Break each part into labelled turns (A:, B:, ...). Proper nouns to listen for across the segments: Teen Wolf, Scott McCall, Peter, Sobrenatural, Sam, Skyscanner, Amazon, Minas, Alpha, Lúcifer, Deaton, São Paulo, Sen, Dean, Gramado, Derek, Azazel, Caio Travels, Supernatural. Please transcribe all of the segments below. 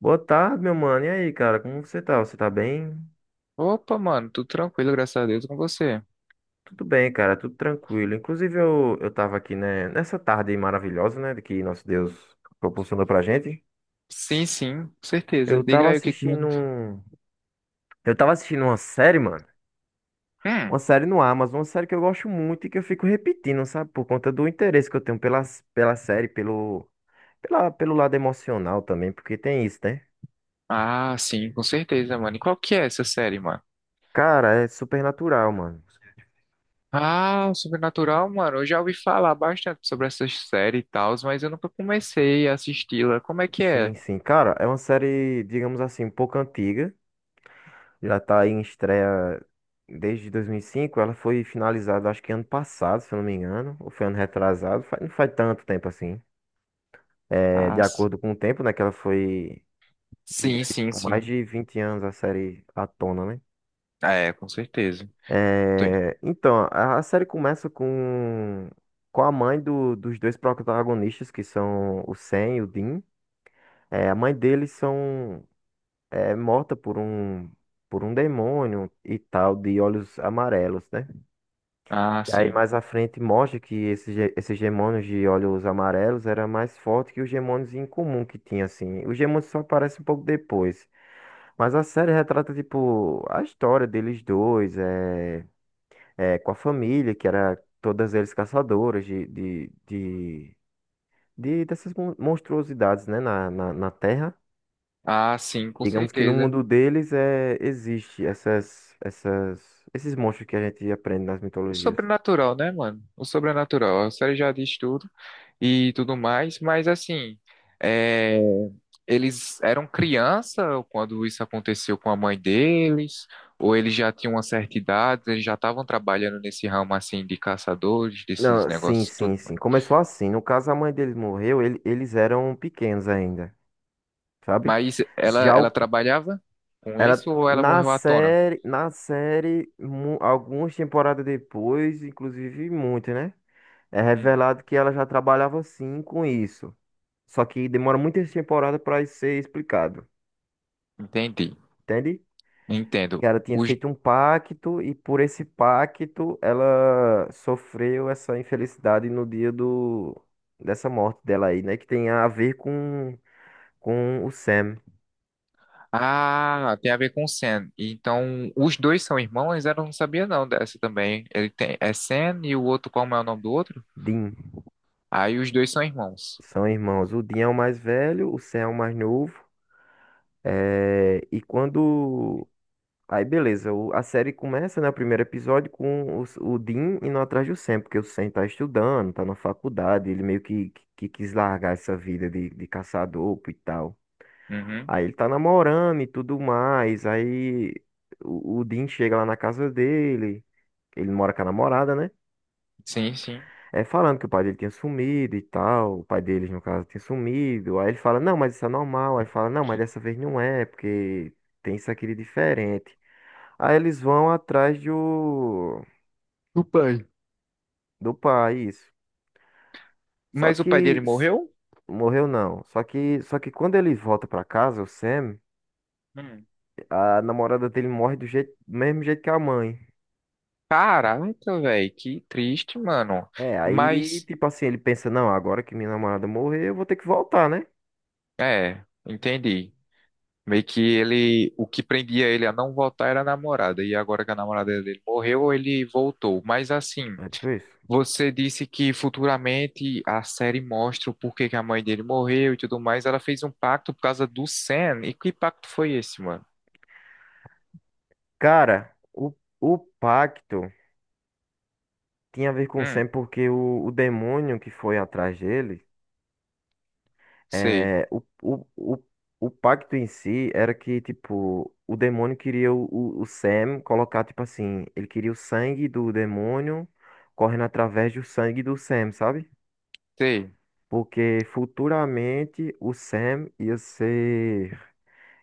A: Boa tarde, meu mano. E aí, cara, como você tá? Você tá bem?
B: Opa, mano, tudo tranquilo, graças a Deus, com você.
A: Tudo bem, cara, tudo tranquilo. Inclusive, eu tava aqui, né, nessa tarde maravilhosa, né, que nosso Deus proporcionou pra gente.
B: Sim, sim, com certeza.
A: Eu
B: Diga
A: tava
B: aí o que que
A: assistindo
B: manda.
A: um... Eu tava assistindo uma série, mano. Uma
B: Hum,
A: série no Amazon, uma série que eu gosto muito e que eu fico repetindo, sabe? Por conta do interesse que eu tenho pela série, pelo lado emocional também, porque tem isso, né?
B: ah, sim, com certeza, mano. E qual que é essa série, mano?
A: Cara, é Supernatural, mano.
B: Ah, Sobrenatural, mano, eu já ouvi falar bastante sobre essa série e tal, mas eu nunca comecei a assisti-la. Como é que é?
A: Sim, sim. Cara, é uma série, digamos assim, um pouco antiga. Já tá aí em estreia desde 2005. Ela foi finalizada, acho que ano passado, se eu não me engano. Ou foi ano retrasado. Não faz tanto tempo assim. É,
B: Ah,
A: de
B: s-
A: acordo com o tempo, né? Diga
B: sim,
A: aí,
B: sim,
A: tipo, mais
B: sim.
A: de 20 anos a série à tona, né?
B: É, com certeza. Sim.
A: É, então, a série começa com a mãe dos dois protagonistas, que são o Sam e o Dean. É, a mãe deles são é, morta por um demônio e tal, de olhos amarelos, né?
B: Ah,
A: E aí
B: sim.
A: mais à frente mostra que esses gemônios de olhos amarelos era mais forte que os gemônios incomum que tinha, assim. Os gemônios só aparecem um pouco depois. Mas a série retrata, tipo, a história deles dois, é, é, com a família, que era todas eles caçadoras dessas monstruosidades, né, na Terra.
B: Ah, sim, com
A: Digamos que no
B: certeza.
A: mundo deles é, existe esses monstros que a gente aprende nas
B: O
A: mitologias.
B: sobrenatural, né, mano? O sobrenatural. A série já diz tudo e tudo mais, mas assim, é, eles eram criança quando isso aconteceu com a mãe deles, ou eles já tinham uma certa idade, eles já estavam trabalhando nesse ramo assim de caçadores, desses
A: Não, sim,
B: negócios e
A: sim,
B: tudo
A: sim.
B: mais.
A: Começou assim. No caso, a mãe deles morreu, eles eram pequenos ainda, sabe?
B: Mas ela,
A: Já
B: ela
A: o,
B: trabalhava com
A: Era
B: isso ou ela morreu à tona?
A: na série, algumas temporadas depois, inclusive muito, né? É
B: Hum,
A: revelado que ela já trabalhava assim com isso. Só que demora muitas temporadas para isso ser explicado,
B: entendi,
A: entende?
B: entendo.
A: Que ela tinha
B: Os.
A: feito um pacto e por esse pacto ela sofreu essa infelicidade no dia do dessa morte dela aí, né? Que tem a ver com o Sam,
B: Ah, tem a ver com Sen. Então, os dois são irmãos? Eu não sabia não dessa também. Ele tem, é Sen e o outro, como é o nome do outro?
A: Dean,
B: Aí os dois são irmãos.
A: são irmãos. O Dean é o mais velho, o Sam é o mais novo. É, e quando Aí beleza, a série começa, né, o primeiro episódio o Dean indo atrás do Sam, porque o Sam tá estudando, tá na faculdade, ele meio que, que quis largar essa vida de caçador e tal.
B: Uhum.
A: Aí ele tá namorando e tudo mais. Aí o Dean chega lá na casa dele. Ele mora com a namorada, né?
B: Sim, sim.
A: É falando que o pai dele tinha sumido e tal. O pai deles, no caso, tinha sumido. Aí ele fala, não, mas isso é normal. Aí fala, não, mas dessa vez não é, porque tem isso aqui de diferente. Aí eles vão atrás
B: O pai.
A: do pai, isso. Só
B: Mas o pai
A: que
B: dele
A: s-
B: morreu?
A: Morreu não. Só que quando ele volta pra casa,
B: Hum.
A: a namorada dele morre do jeito, do mesmo jeito que a mãe.
B: Caraca, velho, que triste, mano.
A: É, aí,
B: Mas,
A: tipo assim, ele pensa, não, agora que minha namorada morrer, eu vou ter que voltar, né?
B: é, entendi. Meio que ele, o que prendia ele a não voltar era a namorada, e agora que a namorada dele morreu, ele voltou. Mas assim.
A: É tipo isso.
B: Você disse que futuramente a série mostra o porquê que a mãe dele morreu e tudo mais. Ela fez um pacto por causa do Sam. E que pacto foi esse, mano?
A: Cara, o, o pacto tinha a ver com o Sam
B: Hum,
A: porque o demônio que foi atrás dele,
B: sei,
A: é, o pacto em si era que, tipo, o demônio queria o Sam colocar, tipo assim, ele queria o sangue do demônio correndo através do sangue do Sam, sabe?
B: sei.
A: Porque futuramente o Sam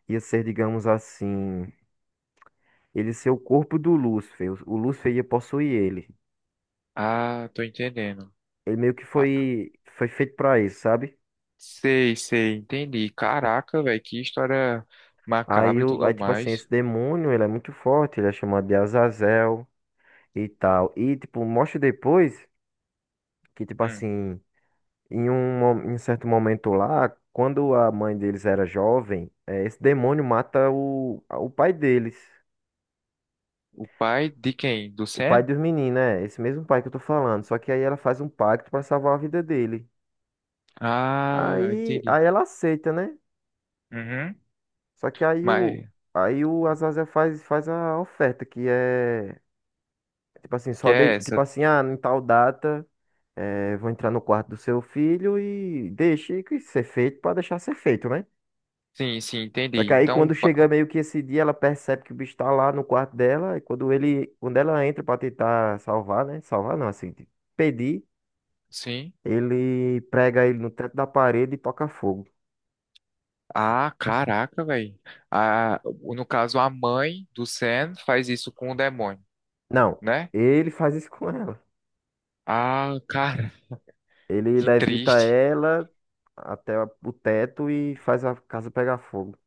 A: ia ser, digamos assim, ele ser o corpo do Lúcifer. O Lúcifer ia possuir ele.
B: Ah, tô entendendo.
A: Ele meio que
B: Ah,
A: foi, foi feito pra isso, sabe?
B: sei, sei, entendi. Caraca, velho, que história macabra e tudo
A: Tipo assim,
B: mais.
A: esse demônio, ele é muito forte, ele é chamado de Azazel e tal. E, tipo, mostra depois que, tipo
B: Hum.
A: assim, em um certo momento lá, quando a mãe deles era jovem, esse demônio mata o pai deles.
B: O pai de quem? Do
A: O pai
B: Sam?
A: dos meninos, né? Esse mesmo pai que eu tô falando. Só que aí ela faz um pacto pra salvar a vida dele.
B: Ah, entendi.
A: Aí ela aceita, né?
B: Uhum.
A: Só que aí o,
B: Mas
A: Aí o Azazel faz, faz a oferta, que é tipo assim,
B: que
A: só de,
B: é
A: tipo
B: essa?
A: assim, ah, em tal data, vou entrar no quarto do seu filho e deixe que ser feito pra deixar ser feito, né?
B: Sim, sim,
A: Só
B: entendi.
A: que aí quando chega meio que esse dia, ela percebe que o bicho tá lá no quarto dela, e quando ele, quando ela entra pra tentar salvar, né? Salvar não, assim, de pedir,
B: Sim.
A: ele prega ele no teto da parede e toca fogo.
B: Ah, caraca, velho. Ah, no caso, a mãe do Sam faz isso com o demônio,
A: Não,
B: né?
A: ele faz isso com ela.
B: Ah, cara,
A: Ele
B: que
A: levita
B: triste.
A: ela até o teto e faz a casa pegar fogo.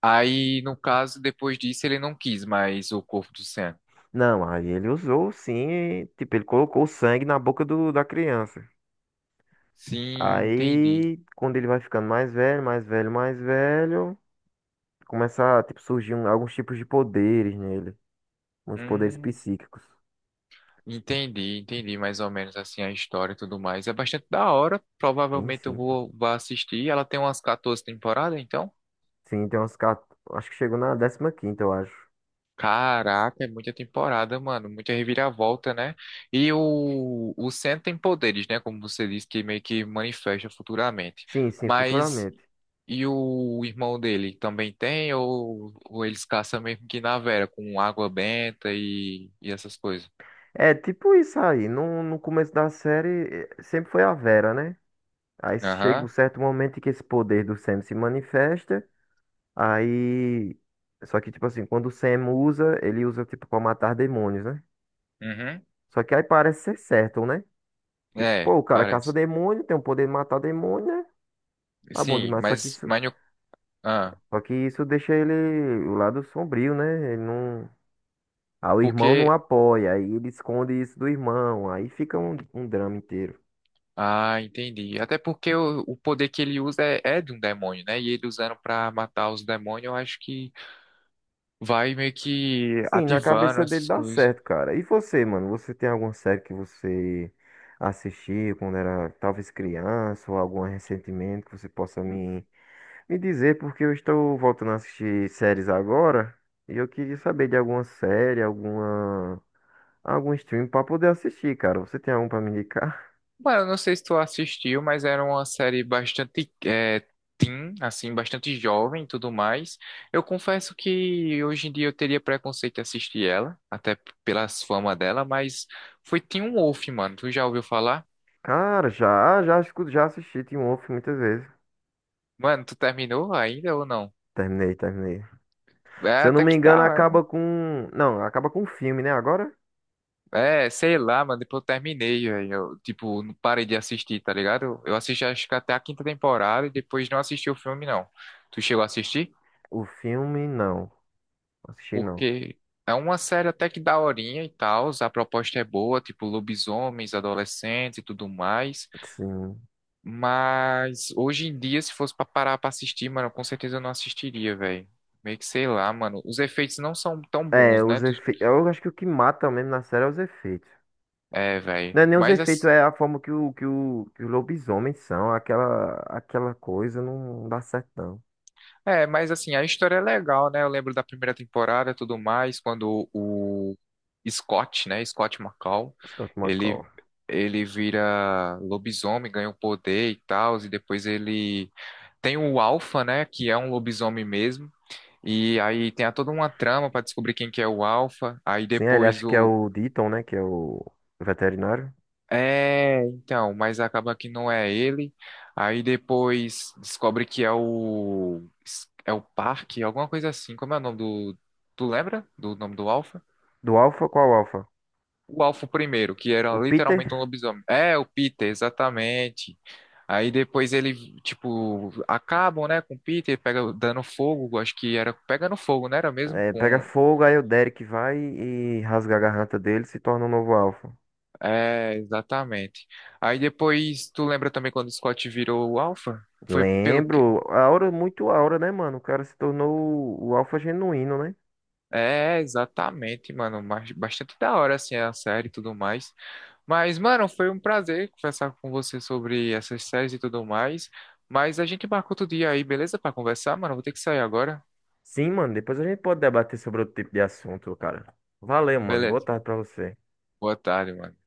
B: Aí, no caso, depois disso, ele não quis mais o corpo do Sam.
A: Não, aí ele usou sim, e, tipo, ele colocou o sangue na boca da criança.
B: Sim, entendi.
A: Aí, quando ele vai ficando mais velho, mais velho, mais velho, começa a, tipo, surgir alguns tipos de poderes nele, uns poderes
B: Hum,
A: psíquicos.
B: entendi, entendi mais ou menos assim a história e tudo mais. É bastante da hora.
A: Sim,
B: Provavelmente eu
A: sim.
B: vou, vou assistir. Ela tem umas 14 temporadas, então?
A: Sim, tem umas, quat- Acho que chegou na décima quinta, eu acho.
B: Caraca, é muita temporada, mano. Muita reviravolta, né? E o Sen tem poderes, né? Como você disse, que meio que manifesta futuramente.
A: Sim, sim,
B: Mas
A: futuramente.
B: e o irmão dele também tem? Ou eles caçam mesmo que na Vera, com água benta e essas coisas?
A: É, tipo isso aí, no começo da série, eh, sempre foi a Vera, né? Aí chega um
B: Aham.
A: certo momento em que esse poder do Sam se manifesta. Aí. Só que, tipo assim, quando o Sam usa, ele usa, tipo, pra matar demônios, né?
B: Uhum.
A: Só que aí parece ser certo, né? Tipo, pô,
B: É,
A: o cara caça
B: parece.
A: demônio, tem o poder de matar demônio, né? Tá bom
B: Sim,
A: demais.
B: mas, mas no- ah,
A: Só que isso deixa ele o lado sombrio, né? Ele não. Ah, o irmão não
B: Porque.
A: apoia, aí ele esconde isso do irmão, aí fica um drama inteiro.
B: Ah, entendi. Até porque o poder que ele usa é, é de um demônio, né? E ele usando pra matar os demônios, eu acho que vai meio que
A: Sim, na
B: ativando
A: cabeça dele
B: essas
A: dá
B: coisas.
A: certo, cara. E você, mano? Você tem alguma série que você assistiu quando era talvez criança ou algum ressentimento que você possa me dizer? Porque eu estou voltando a assistir séries agora e eu queria saber de alguma série, algum stream para poder assistir, cara. Você tem algum para me indicar?
B: Mano, eu não sei se tu assistiu, mas era uma série bastante é, teen, assim, bastante jovem e tudo mais. Eu confesso que hoje em dia eu teria preconceito de assistir ela, pelas fama dela, mas foi Teen Wolf, mano. Tu já ouviu falar?
A: Cara, já assisti Teen Wolf muitas vezes.
B: Mano, tu terminou ainda ou não?
A: Terminei, terminei.
B: É,
A: Se eu não
B: até
A: me
B: que
A: engano,
B: tá.
A: acaba com. Não, acaba com o filme, né? Agora?
B: É, sei lá, mano, depois eu terminei, velho. Eu, tipo, não parei de assistir, tá ligado? Eu assisti acho que até a quinta temporada e depois não assisti o filme, não. Tu chegou a assistir?
A: O filme, não. Assisti não.
B: Porque é uma série até que daorinha e tal, a proposta é boa, tipo, lobisomens, adolescentes e tudo mais.
A: Sim.
B: Mas hoje em dia, se fosse pra parar pra assistir, mano, com certeza eu não assistiria, velho. Meio que sei lá, mano. Os efeitos não são tão
A: É,
B: bons, né?
A: os
B: Tu-
A: efeitos. Eu acho que o que mata mesmo na série é os efeitos.
B: é,
A: Não
B: velho.
A: é nem os
B: Mas
A: efeitos, é a forma que, que os lobisomens são. Aquela coisa não dá certo, não.
B: é, mas assim, a história é legal, né? Eu lembro da primeira temporada e tudo mais, quando o Scott, né? Scott McCall,
A: Scott
B: ele,
A: McCall.
B: ele vira lobisomem, ganha o poder e tal, e depois ele tem o Alpha, né? Que é um lobisomem mesmo. E aí tem a- toda uma trama pra descobrir quem que é o Alpha. Aí
A: Sim, ele
B: depois
A: acha que é
B: o.
A: o Deaton, né? Que é o veterinário.
B: É, então, mas acaba que não é ele. Aí depois descobre que é o Parque, alguma coisa assim. Como é o nome do. Tu lembra do nome do Alpha?
A: Do Alpha, qual Alpha?
B: O Alpha primeiro, que era
A: O
B: literalmente um
A: Peter
B: lobisomem. É, o Peter, exatamente. Aí depois ele, tipo, acabam, né, com o Peter, pega dando fogo, acho que era pegando fogo, né, era mesmo
A: é, pega
B: com.
A: fogo, aí o Derek vai e rasga a garganta dele e se torna o novo Alpha.
B: É, exatamente. Aí depois, tu lembra também quando o Scott virou o Alpha? Foi pelo.
A: Lembro. A Aura, muito Aura, né, mano? O cara se tornou o Alpha genuíno, né?
B: É, exatamente, mano. Mas bastante da hora, assim, a série e tudo mais. Mas, mano, foi um prazer conversar com você sobre essas séries e tudo mais. Mas a gente marca outro dia aí, beleza? Pra conversar, mano. Vou ter que sair agora.
A: Sim, mano, depois a gente pode debater sobre outro tipo de assunto, cara. Valeu, mano. Boa
B: Beleza.
A: tarde pra você.
B: Boa tarde, mano.